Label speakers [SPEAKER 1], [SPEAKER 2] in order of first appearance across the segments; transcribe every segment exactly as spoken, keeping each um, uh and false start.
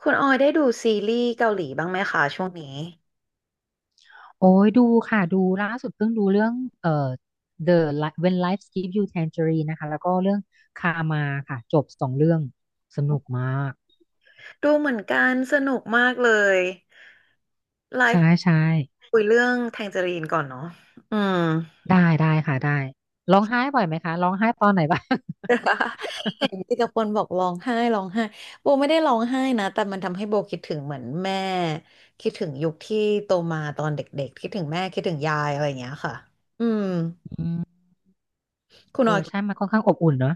[SPEAKER 1] คุณออยได้ดูซีรีส์เกาหลีบ้างไหมคะช่วงนี้
[SPEAKER 2] โอ้ยดูค่ะดูล่าสุดเพิ่งดูเรื่องเอ่อ The Li- When Life Gives You Tangerine นะคะแล้วก็เรื่องคามาค่ะจบสองเรื่องสนุกมาก
[SPEAKER 1] ดูเหมือนกันสนุกมากเลยไล
[SPEAKER 2] ใช่
[SPEAKER 1] ฟ์
[SPEAKER 2] ใช่
[SPEAKER 1] คุยเรื่องแทงเจอรีนก่อนเนาะอืม
[SPEAKER 2] ได้ได้ค่ะได้ร้องไห้บ่อยไหมคะร้องไห้ตอนไหนบ้าง
[SPEAKER 1] เห็นที่กระปนบอกร้องไห้ร้องไห้โบไม่ได้ร้องไห้นะแต่มันทำให้โบคิดถึงเหมือนแม่คิดถึงยุคที่โตมาตอนเด็กๆคิดถึงแม่คิดถึงยายอะไรอย่างเงี้ยค่ะอืม
[SPEAKER 2] อืม
[SPEAKER 1] คุณ
[SPEAKER 2] เอ
[SPEAKER 1] ออย
[SPEAKER 2] อใช่มันค่อนข้างอบอุ่นเนอะ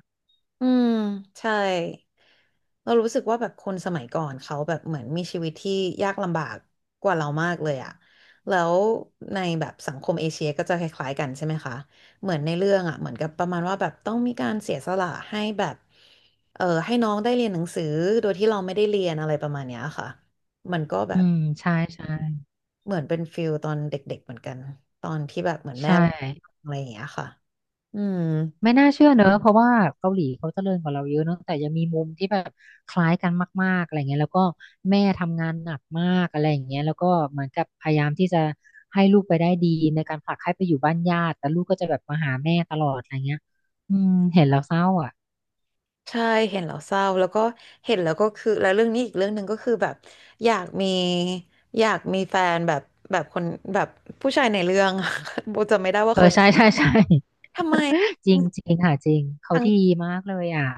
[SPEAKER 1] อืมใช่เรารู้สึกว่าแบบคนสมัยก่อนเขาแบบเหมือนมีชีวิตที่ยากลำบากกว่าเรามากเลยอะแล้วในแบบสังคมเอเชียก็จะคล้ายๆกันใช่ไหมคะเหมือนในเรื่องอะเหมือนกับประมาณว่าแบบต้องมีการเสียสละให้แบบเออให้น้องได้เรียนหนังสือโดยที่เราไม่ได้เรียนอะไรประมาณเนี้ยค่ะมันก็แบ
[SPEAKER 2] อื
[SPEAKER 1] บ
[SPEAKER 2] มใช่ใช่
[SPEAKER 1] เหมือนเป็นฟิลตอนเด็กๆเหมือนกันตอนที่แบบเหมือนแม่
[SPEAKER 2] ใช่
[SPEAKER 1] อะไรอย่างเงี้ยค่ะอืม
[SPEAKER 2] ไม่น่าเชื่อเนอะเพราะว่าเกาหลีเขาเจริญกว่าเราเยอะเนอะแต่ยังมีมุมที่แบบคล้ายกันมากๆอะไรเงี้ยแล้วก็แม่ทำงานหนักมากอะไรอย่างเงี้ยแล้วก็เหมือนกับพยายามที่จะให้ลูกไปได้ดีในการผลักให้ไปอยู่บ้านญาติแต่ลูกก็จะแบบมาหาแม่ตลอดอะไรเงี้ยอืมเห็นแล้วเศร้าอ่ะ
[SPEAKER 1] ใช่เห็นแล้วเศร้าแล้วก็เห็นแล้วก็คือแล้วเรื่องนี้อีกเรื่องหนึ่งก็คือแบบอยากมีอยากมีแฟนแบบแบบคนแบบผู้ชายในเรื่อง โบจำไม่ได้ว่า
[SPEAKER 2] เออ
[SPEAKER 1] เขาชื่
[SPEAKER 2] ใช่
[SPEAKER 1] อ
[SPEAKER 2] ใช่ใช่
[SPEAKER 1] ทำไม
[SPEAKER 2] จริง
[SPEAKER 1] ท
[SPEAKER 2] จริงค่ะจริงเขา
[SPEAKER 1] ั้ง
[SPEAKER 2] ดีมากเลยอ่ะ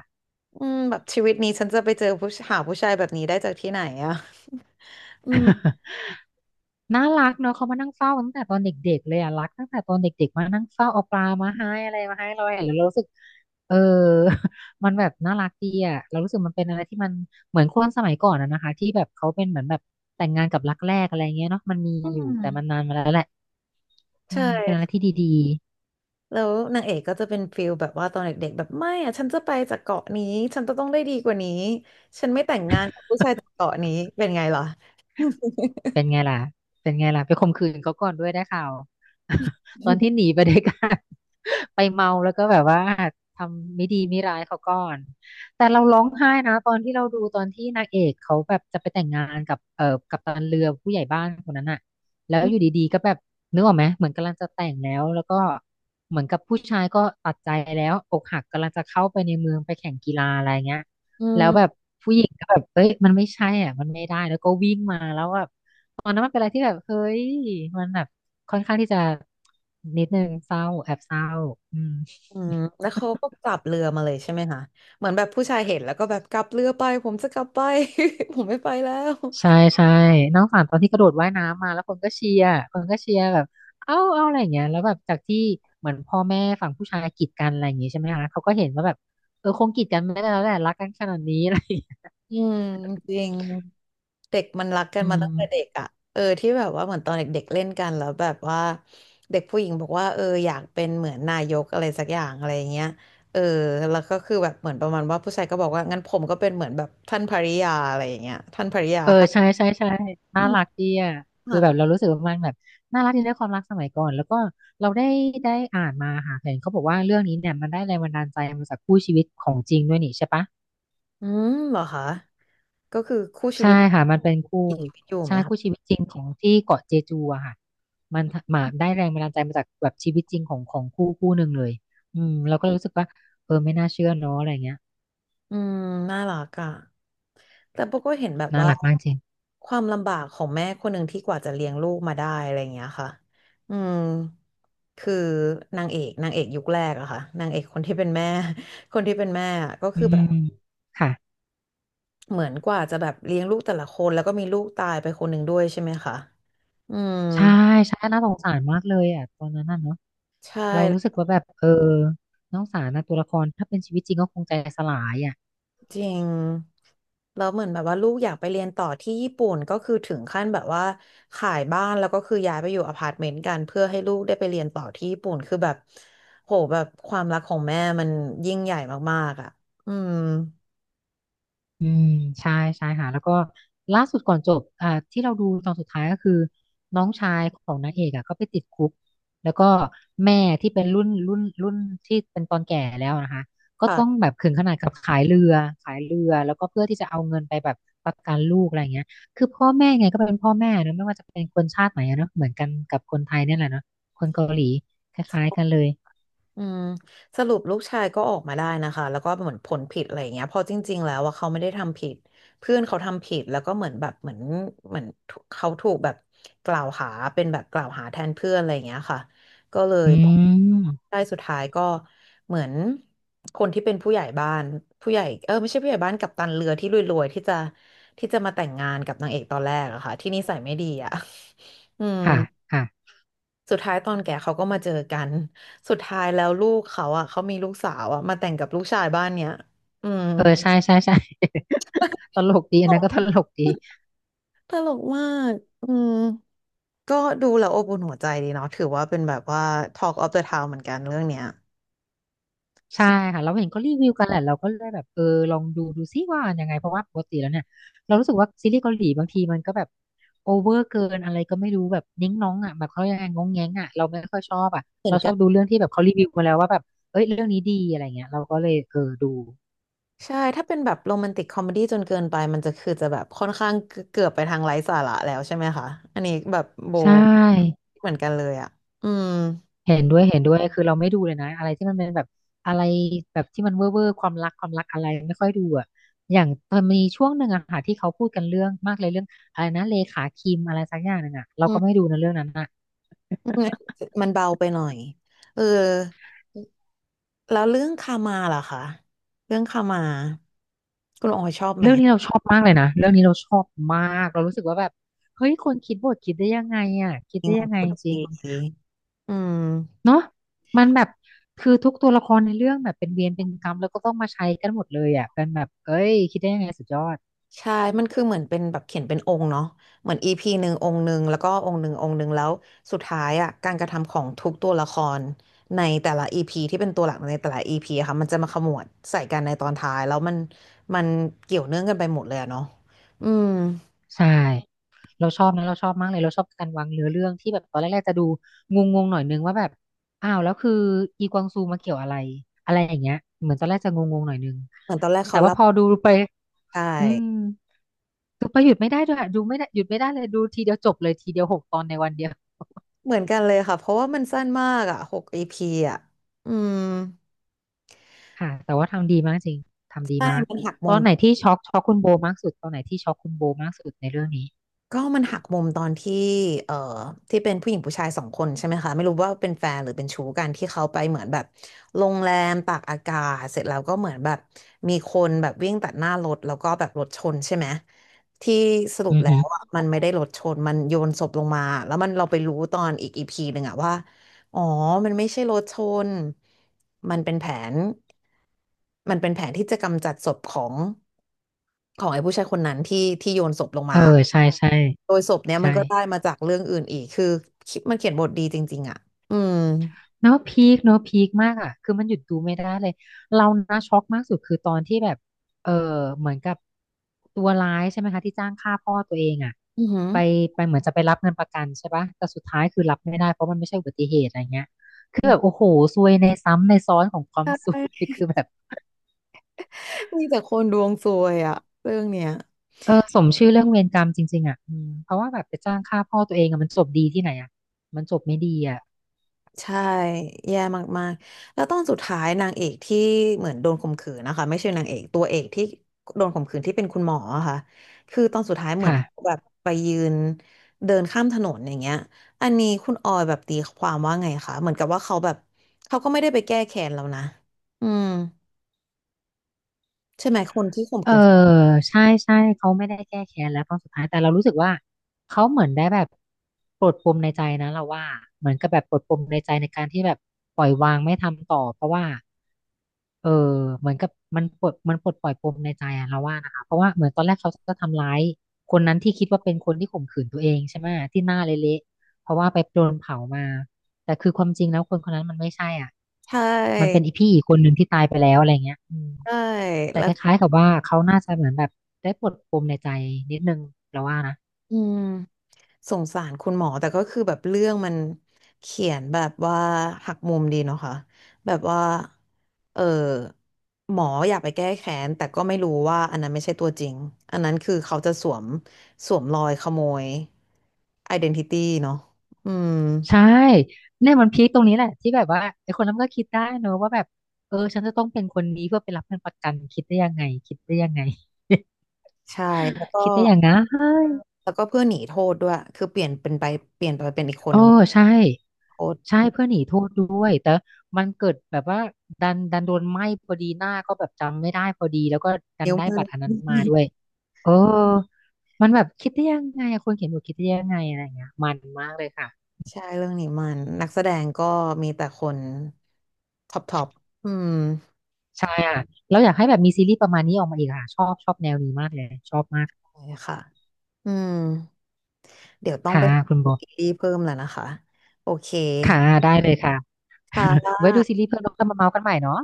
[SPEAKER 1] อืมแบบชีวิตนี้ฉันจะไปเจอผู้หาผู้ชายแบบนี้ได้จากที่ไหนอะ อืม
[SPEAKER 2] น่ารักเนาะเขามานั่งเฝ้าตั้งแต่ตอนเด็กๆเลยอ่ะรักตั้งแต่ตอนเด็กๆมานั่งเฝ้าเอาปลามาให้อะไรมาให้เราเห็นแล้วเรารู้สึกเออ มันแบบน่ารักดีอ่ะเรารู้สึกมันเป็นอะไรที่มันเหมือนคนสมัยก่อนอะนะคะที่แบบเขาเป็นเหมือนแบบแต่งงานกับรักแรกอะไรเงี้ยเนาะมันมี
[SPEAKER 1] อื
[SPEAKER 2] อยู่แต่มัน
[SPEAKER 1] ม
[SPEAKER 2] นานมาแล้วแหละอื
[SPEAKER 1] ใช่
[SPEAKER 2] มเป็นอะไรที่ดี
[SPEAKER 1] แล้วนางเอกก็จะเป็นฟิลแบบว่าตอนเด็กๆแบบไม่อะฉันจะไปจากเกาะนี้ฉันจะต้องได้ดีกว่านี้ฉันไม่แต่งงานกับผู้ชายจากเกาะนี้เป็นไงล่ะ
[SPEAKER 2] เป็นไงล่ะ เป็นไงล่ะไปข่มขืนเขาก่อนด้วยได้ข่าว ตอนที่หนีไปด้วยกัน ไปเมาแล้วก็แบบว่าทำไม่ดีไม่ร้ายเขาก่อนแต่เราร้องไห้นะตอนที่เราดูตอนที่นางเอกเขาแบบจะไปแต่งงานกับเอ่อกัปตันเรือผู้ใหญ่บ้านคนนั้นอะแล้วอยู่ ดีๆก็แบบนึกออกไหมเหมือนกำลังจะแต่งแล้วแล้วก็เหมือนกับผู้ชายก็ตัดใจแล้วอกหักกำลังจะเข้าไปในเมืองไปแข่งกีฬาอะไรเงี้ย
[SPEAKER 1] อื
[SPEAKER 2] แล้วแบบ
[SPEAKER 1] ม
[SPEAKER 2] ผู้หญิงก็แบบเอ้ยมันไม่ใช่อ่ะมันไม่ได้แล้วก็วิ่งมาแล้วแบบ ตอนนั้นมันเป็นอะไรที่แบบเฮ้ยมันแบบค่อนข้างที่จะนิดนึงเศร้าแอบเศร้าอืม
[SPEAKER 1] อืมแล้วเขาก็กลับเรือมาเลยใช่ไหมคะเหมือนแบบผู้ชายเห็นแล้วก็แบบกลับเรือไปผมจะกลับไป ผมไม่ไปแล้ว
[SPEAKER 2] ใช่ใช่น้องฝันตอนที่กระโดดว่ายน้ำมาแล้วคนก็เชียร์คนก็เชียร์แบบเอ้าเอ้าอะไรอย่างเงี้ยแล้วแบบจากที่เหมือนพ่อแม่ฝั่งผู้ชายกีดกันอะไรอย่างงี้ใช่ไหมคะเขาก็เห็นว่าแบบเออคงกีดกันไม่ได้แล้วแหละรักกันขนาดนี้อะไรอย่างเงี้ย
[SPEAKER 1] อืมจริงเด็กมันรักกัน
[SPEAKER 2] อื
[SPEAKER 1] มา
[SPEAKER 2] ม
[SPEAKER 1] ตั้งแต่เด็กอ่ะเออที่แบบว่าเหมือนตอนเด็กๆเล่นกันแล้วแบบว่าเด็กผู้หญิงบอกว่าเอออยากเป็นเหมือนนายกอะไรสักอย่างอะไรอย่างเงี้ยเออแล้วก็คือแบบเหมือนประมาณว่าผู้ชายก็บอกว่างั้นผมก็เป็นเหมือนแบบท่านภริยาอะไรอย่างเงี้ยท่านภริยา
[SPEAKER 2] เออ
[SPEAKER 1] ค่ะ
[SPEAKER 2] ใช่ใช่ใช่น่า
[SPEAKER 1] อืม
[SPEAKER 2] รักดีอ่ะคือแบบเรารู้สึกว่ามันแบบน่ารักดีในความรักสมัยก่อนแล้วก็เราได้ได้อ่านมาค่ะเห็นเขาบอกว่าเรื่องนี้เนี่ยมันได้แรงบันดาลใจมาจากคู่ชีวิตของจริงด้วยนี่ใช่ปะ
[SPEAKER 1] อืมเหรอคะก็คือคู่ชี
[SPEAKER 2] ใช่
[SPEAKER 1] วิต
[SPEAKER 2] ค่ะมันเป็นคู่
[SPEAKER 1] มีชีวิตอยู่ไหม
[SPEAKER 2] ใช่
[SPEAKER 1] คะ
[SPEAKER 2] คู่ชีวิตจริงของที่เกาะเจจูอะค่ะมันมาได้แรงบันดาลใจมาจากแบบชีวิตจริงของของคู่คู่หนึ่งเลยอืมเราก็รู้สึกว่าเออไม่น่าเชื่อเนาะอะไรเงี้ย
[SPEAKER 1] อืมน่ารักอ่ะแต่โบก็เห็นแบบ
[SPEAKER 2] น่า
[SPEAKER 1] ว่า
[SPEAKER 2] รักมากจริง
[SPEAKER 1] ความลำบากของแม่คนหนึ่งที่กว่าจะเลี้ยงลูกมาได้อะไรอย่างเงี้ยค่ะอืมคือนางเอกนางเอกยุคแรกอะค่ะนางเอกคนที่เป็นแม่ คนที่เป็นแม่อะก็
[SPEAKER 2] อื
[SPEAKER 1] คือ
[SPEAKER 2] ม
[SPEAKER 1] แบบ
[SPEAKER 2] ค่ะ
[SPEAKER 1] เหมือนกว่าจะแบบเลี้ยงลูกแต่ละคนแล้วก็มีลูกตายไปคนหนึ่งด้วยใช่ไหมคะอืม
[SPEAKER 2] ใช่ใช่น่าสงสารมากเลยอ่ะตอนนั้นน่ะเนอะ
[SPEAKER 1] ใช่
[SPEAKER 2] เรารู้สึกว่าแบบเออน้องสารนะตัวละครถ้าเป็นชีวิตจริงก็คงใจสลายอ่ะ
[SPEAKER 1] จริงแล้วเหมือนแบบว่าลูกอยากไปเรียนต่อที่ญี่ปุ่นก็คือถึงขั้นแบบว่าขายบ้านแล้วก็คือย้ายไปอยู่อพาร์ตเมนต์กันเพื่อให้ลูกได้ไปเรียนต่อที่ญี่ปุ่นคือแบบโหแบบความรักของแม่มันยิ่งใหญ่มากๆอ่ะอืม
[SPEAKER 2] อืมใช่ใช่ค่ะแล้วก็ล่าสุดก่อนจบอ่าที่เราดูตอนสุดท้ายก็คือน้องชายของนางเอกอ่ะก็ไปติดคุกแล้วก็แม่ที่เป็นรุ่นรุ่นรุ่นที่เป็นตอนแก่แล้วนะคะก็ต้อง
[SPEAKER 1] ค่ะ
[SPEAKER 2] แบบถึงขนาดกับขายเรือขายเรือแล้วก็เพื่อที่จะเอาเงินไปแบบประกันลูกอะไรเงี้ยคือพ่อแม่ไงก็เป็นพ่อแม่นะไม่ว่าจะเป็นคนชาติไหนอะเนอะเหมือนกันกับคนไทยเนี่ยแหละเนาะคนเกาหลีคล้ายๆกันเลย
[SPEAKER 1] อืมสรุปลูกชายก็ออกมาได้นะคะแล้วก็เหมือนผลผิดอะไรอย่างเงี้ยเพอจริงๆแล้วว่าเขาไม่ได้ทำผิดเพื่อนเขาทำผิดแล้วก็เหมือนแบบเหมือนเหมือนเขาถูกแบบกล่าวหาเป็นแบบกล่าวหาแทนเพื่อนอะไรอย่างเงี้ยค่ะก็เลย
[SPEAKER 2] อืม
[SPEAKER 1] ได้สุดท้ายก็เหมือนคนที่เป็นผู้ใหญ่บ้านผู้ใหญ่เออไม่ใช่ผู้ใหญ่บ้านกัปตันเรือที่รวยๆที่จะที่จะมาแต่งงานกับนางเอกตอนแรกอะค่ะที่นิสัยไม่ดีอะ อืม
[SPEAKER 2] ค่ะค่ะ
[SPEAKER 1] สุดท้ายตอนแก่เขาก็มาเจอกัน สุดท้ายแล้วลูกเขาอ่ะเขามีลูกสาวอ่ะมาแต่งกับลูกชายบ้านเนี้ย อืม
[SPEAKER 2] เออใช่ใช่ใช่ ตลกดี
[SPEAKER 1] ต
[SPEAKER 2] อัน
[SPEAKER 1] ล
[SPEAKER 2] นั้นก็ต
[SPEAKER 1] ก
[SPEAKER 2] ลกดี
[SPEAKER 1] ตลกมาก อืม ก็ดูแล้วอบอุ่นหัวใจดีเนาะถือว่าเป็นแบบว่า Talk of the Town เหมือนกันเรื่องเนี้ย
[SPEAKER 2] ใช่
[SPEAKER 1] ใช่
[SPEAKER 2] ค่ะเราเห็นก็รีวิวกันแหละเราก็เลยแบบเออลองดูดูซิว่ายังไงเพราะว่าปกติแล้วเนี่ยเรารู้สึกว่าซีรีส์เกาหลีบางทีมันก็แบบโอเวอร์เกินอะไรก็ไม่รู้แบบนิ้งน้องอ่ะแบบเขายังไงงงแงงอ่ะเราไม่ค่อยชอบอ่ะ
[SPEAKER 1] เหมือ
[SPEAKER 2] เรา
[SPEAKER 1] น
[SPEAKER 2] ช
[SPEAKER 1] กั
[SPEAKER 2] อบ
[SPEAKER 1] น
[SPEAKER 2] ดูเรื่องที่แบบเขารีวิวมาแล้วว่าแบบเอ้ยเรื่องนี้ดีอะไรเงี้ยเราก็เลยเออดู
[SPEAKER 1] ใช่ถ้าเป็นแบบโรแมนติกคอมเมดี้จนเกินไปมันจะคือจะแบบค่อนข้างเกือบไปทางไร้สาระแล้วใช่ไหมคะ อันนี้แบบโบ
[SPEAKER 2] ใช่
[SPEAKER 1] เหมือนกันเลยอ่ะอืม
[SPEAKER 2] เห็นด้วยเห็นด้วยคือเราไม่ดูเลยนะอะไรที่มันเป็นแบบอะไรแบบที่มันเว่อร์เวอร์ความรักความรักอะไรไม่ค่อยดูอะอย่างมันมีช่วงหนึ่งอะค่ะที่เขาพูดกันเรื่องมากเลยเรื่องอะไรนะเลขาคิมอะไรสักอย่างหนึ่งอะเรา
[SPEAKER 1] อื
[SPEAKER 2] ก็ไม่
[SPEAKER 1] ม
[SPEAKER 2] ดูนะเรื่องนั้นอะ
[SPEAKER 1] อืมมันเบาไปหน่อยเออ แล้วเรื่องคามาล่ะคะเรื่องคามาคุณออยชอบไหม
[SPEAKER 2] เรื่องนี้เราชอบมากเลยนะเรื่องนี้เราชอบมากเรารู้สึกว่าแบบเฮ้ยคนคิดบทคิดได้ยังไงอะคิด
[SPEAKER 1] จริง
[SPEAKER 2] ได้ยังไง
[SPEAKER 1] คุณ
[SPEAKER 2] จริง
[SPEAKER 1] ดีอืม
[SPEAKER 2] เนาะมันแบบคือทุกตัวละครในเรื่องแบบเป็นเวรเป็นกรรมแล้วก็ต้องมาใช้กันหมดเลยอะเป็นแบบเอ้ยคิดได้ยังไงสุดยอด
[SPEAKER 1] ใช่มันคือเหมือนเป็นแบบเขียนเป็นองค์เนาะเหมือนอีพีหนึ่งองค์หนึ่งแล้วก็องค์หนึ่งองค์หนึ่งแล้วสุดท้ายอ่ะการกระทำของทุกตัวละครในแต่ละอีพีที่เป็นตัวหลักในแต่ละอีพีค่ะมันจะมาขมวดใส่กันในตอนท้ายแล้วมันมันเกี่ยวเนื่องกันไปหมดเลยอะเนาะอืม
[SPEAKER 2] ใช่ เราชอบนะเราชอบมากเลยเราชอบการวางเนื้อเรื่องที่แบบตอนแรกๆจะดูงงๆหน่อยนึงว่าแบบอ้าวแล้วคืออีกวางซูมาเกี่ยวอะไรอะไรอย่างเงี้ยเหมือนตอนแรกจะงงๆหน่อยนึง
[SPEAKER 1] เหมือนตอนแรก
[SPEAKER 2] แต่
[SPEAKER 1] เขา
[SPEAKER 2] ว่า
[SPEAKER 1] รับ
[SPEAKER 2] พอดูไป
[SPEAKER 1] ใช่
[SPEAKER 2] อืมดูไปหยุดไม่ได้ด้วยอะดูไม่ได้หยุดไม่ได้เลยดูทีเดียวจบเลยทีเดียวหกตอนในวันเดียว
[SPEAKER 1] เหมือนกันเลยค่ะเพราะว่ามันสั้นมากอ่ะหก อี พีอ่ะอืม
[SPEAKER 2] ค่ะแต่ว่าทำดีมากจริงทำดี
[SPEAKER 1] ใช่
[SPEAKER 2] มาก
[SPEAKER 1] มันหัก
[SPEAKER 2] ต
[SPEAKER 1] มุ
[SPEAKER 2] อ
[SPEAKER 1] ม
[SPEAKER 2] นไหนที่ช็อกช็อกคุณโบมากสุดตอนไหนที่ช็อกคุณโบมากสุดในเรื่องนี้
[SPEAKER 1] ก็มันหักมุมตอนที่เอ่อที่เป็นผู้หญิงผู้ชายสองคนใช่ไหมคะ ไม่รู้ว่าเป็นแฟนหรือเป็นชู้กันที่เขาไปเหมือนแบบโรงแรมตากอากาศเสร็จแล้วก็เหมือนแบบมีคนแบบวิ่งตัดหน้ารถแล้วก็แบบรถชนใช่ไหม ที่สรุป
[SPEAKER 2] อือ
[SPEAKER 1] แล้
[SPEAKER 2] หือ
[SPEAKER 1] วอ่ะมันไม่ได้รถชน มันโยนศพลงมาแล้วมันเราไปรู้ตอนอีกอีพีหนึ่งอ่ะว่าอ๋อมันไม่ใช่รถชนมันเป็นแผนมันเป็นแผนที่จะกำจัดศพของของไอ้ผู้ชายคนนั้นที่ที่โยนศพลง
[SPEAKER 2] เออ
[SPEAKER 1] มา
[SPEAKER 2] ใช่ใช่
[SPEAKER 1] โดยศพเนี้ย
[SPEAKER 2] ใช่
[SPEAKER 1] มันก็ได้มาจากเรื่องอื่นอีก คือคิดมันเขียนบทดีจริงๆอ่ะอืม
[SPEAKER 2] เนาะพีคเนาะพีคมากอ่ะคือมันหยุดดูไม่ได้เลยเรานะช็อกมากสุดคือตอนที่แบบเออเหมือนกับตัวร้ายใช่ไหมคะที่จ้างฆ่าพ่อตัวเองอ่ะ
[SPEAKER 1] อือหือ
[SPEAKER 2] ไปไปเหมือนจะไปรับเงินประกันใช่ปะแต่สุดท้ายคือรับไม่ได้เพราะมันไม่ใช่อุบัติเหตุอะไรเงี้ยคือ
[SPEAKER 1] อื
[SPEAKER 2] แบ
[SPEAKER 1] ม
[SPEAKER 2] บโอ้โหซวยในซ้ำในซ้อนของควา
[SPEAKER 1] ใช
[SPEAKER 2] มซวย
[SPEAKER 1] ่
[SPEAKER 2] คือแบบ
[SPEAKER 1] มีแต่คนดวงซวยอ่ะเรื่องเนี้ย
[SPEAKER 2] เออสมชื่อเรื่องเวรกรรมจริงๆอ่ะอืมเพราะว่าแบบไปจ้างฆ่าพ่อตัวเองอะมันจบดีที่ไหนอ่ะมันจบไม่ดีอ่ะ
[SPEAKER 1] ใช่แย่มากๆแล้วตอนสุดท้ายนางเอกที่เหมือนโดนข่มขืนนะคะไม่ใช่นางเอกตัวเอกที่โดนข่มขืนที่เป็นคุณหมออะค่ะคือตอนสุดท้ายเหมือนเขา
[SPEAKER 2] ค่ะ
[SPEAKER 1] แบบไปยืนเดินข้ามถนนอย่างเงี้ยอันนี้คุณออยแบบตีความว่าไงคะเหมือนกับว่าเขาแบบเขาก็ไม่ได้ไปแก้แค้นแล้วนะอืมใช่ไหมคนที่ข่ม
[SPEAKER 2] เออ
[SPEAKER 1] ขืน
[SPEAKER 2] ใช่ใช่เขาไม่ได้แก้แค้นแล้วตอนสุดท้ายแต่เรารู้สึกว่าเขาเหมือนได้แบบปลดปมในใจนะเราว่าเหมือนกับแบบปลดปมในใจในการที่แบบปล่อยวางไม่ทำต่อเพราะว่าเออเหมือนกับมันปลดมันปลดปล่อยปมในใจอะเราว่านะคะเพราะว่าเหมือนตอนแรกเขาจะทำร้ายคนนั้นที่คิดว่าเป็นคนที่ข่มขืนตัวเองใช่ไหมที่หน้าเละๆเพราะว่าไปโดนเผามาแต่คือความจริงแล้วคนคนนั้นมันไม่ใช่อ่ะ
[SPEAKER 1] ใช
[SPEAKER 2] มันเป็น
[SPEAKER 1] ่
[SPEAKER 2] อีพี่อีกคนหนึ่งที่ตายไปแล้วอะไรเงี้ยอืม
[SPEAKER 1] ใช่
[SPEAKER 2] แต่
[SPEAKER 1] แล้
[SPEAKER 2] ค
[SPEAKER 1] ว
[SPEAKER 2] ล้ายๆกับว่าเขาน่าจะเหมือนแบบได้ปลดปมในใจนิดนึงเราว่านะ
[SPEAKER 1] อืมสงสารคุณหมอแต่ก็คือแบบเรื่องมันเขียนแบบว่าหักมุมดีเนาะค่ะแบบว่าเออหมออยากไปแก้แค้นแต่ก็ไม่รู้ว่าอันนั้นไม่ใช่ตัวจริงอันนั้นคือเขาจะสวมสวมรอยขโมย identity เดนติตี้เนาะอืม
[SPEAKER 2] ใช่เนี่ยมันพีคตรงนี้แหละที่แบบว่าไอ้คนนั้นมันก็คิดได้เนอะว่าแบบเออฉันจะต้องเป็นคนนี้เพื่อไปรับเงินประกันคิดได้ยังไงคิดได้ยังไง
[SPEAKER 1] ใช่แล้วก็
[SPEAKER 2] คิดได้ยังไง
[SPEAKER 1] แล้วก็เพื่อหนีโทษด้วยคือเปลี่ยนเป็นไปเปลี่ยนไปเป็นอีกคน
[SPEAKER 2] โอ้
[SPEAKER 1] นึง
[SPEAKER 2] ใช่
[SPEAKER 1] โทษ
[SPEAKER 2] ใช่เพื่อนหนีโทษด้วยแต่มันเกิดแบบว่าดันดันโดนไหม้พอดีหน้าก็แบบจำไม่ได้พอดีแล้วก็ดัน
[SPEAKER 1] นิ้ว
[SPEAKER 2] ได้
[SPEAKER 1] มือ
[SPEAKER 2] บัตรอันนั้นมาด้วยเออมันแบบคิดได้ยังไงอะคนเขียนบทคิดได้ยังไงอะไรอย่างเงี้ยมันมากเลยค่ะ
[SPEAKER 1] ใช่เรื่องนี้มันนักแสดงก็มีแต่คนท็อปท็อปอืม
[SPEAKER 2] ใช่อ่ะแล้อยากให้แบบมีซีรีส์ประมาณนี้ออกมาอีกค่ะชอบชอบแนวนี้มากเลยชอบมาก
[SPEAKER 1] ใช่ค่ะอืมเดี๋ยวต้อง
[SPEAKER 2] ค่ะ
[SPEAKER 1] ไป
[SPEAKER 2] คุณโบ
[SPEAKER 1] ซีรีส์เพิ่มแล้วนะคะโอเค
[SPEAKER 2] ค่ะได้เลยค่ะ
[SPEAKER 1] ค่ะ
[SPEAKER 2] ไว้ดูซีรีส์เพิ่มแล้วก็มาเมาส์กันใหม่เนาะ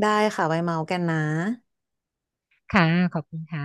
[SPEAKER 1] ได้ค่ะไว้เมาส์กันนะ
[SPEAKER 2] ค่ะขอบคุณค่ะ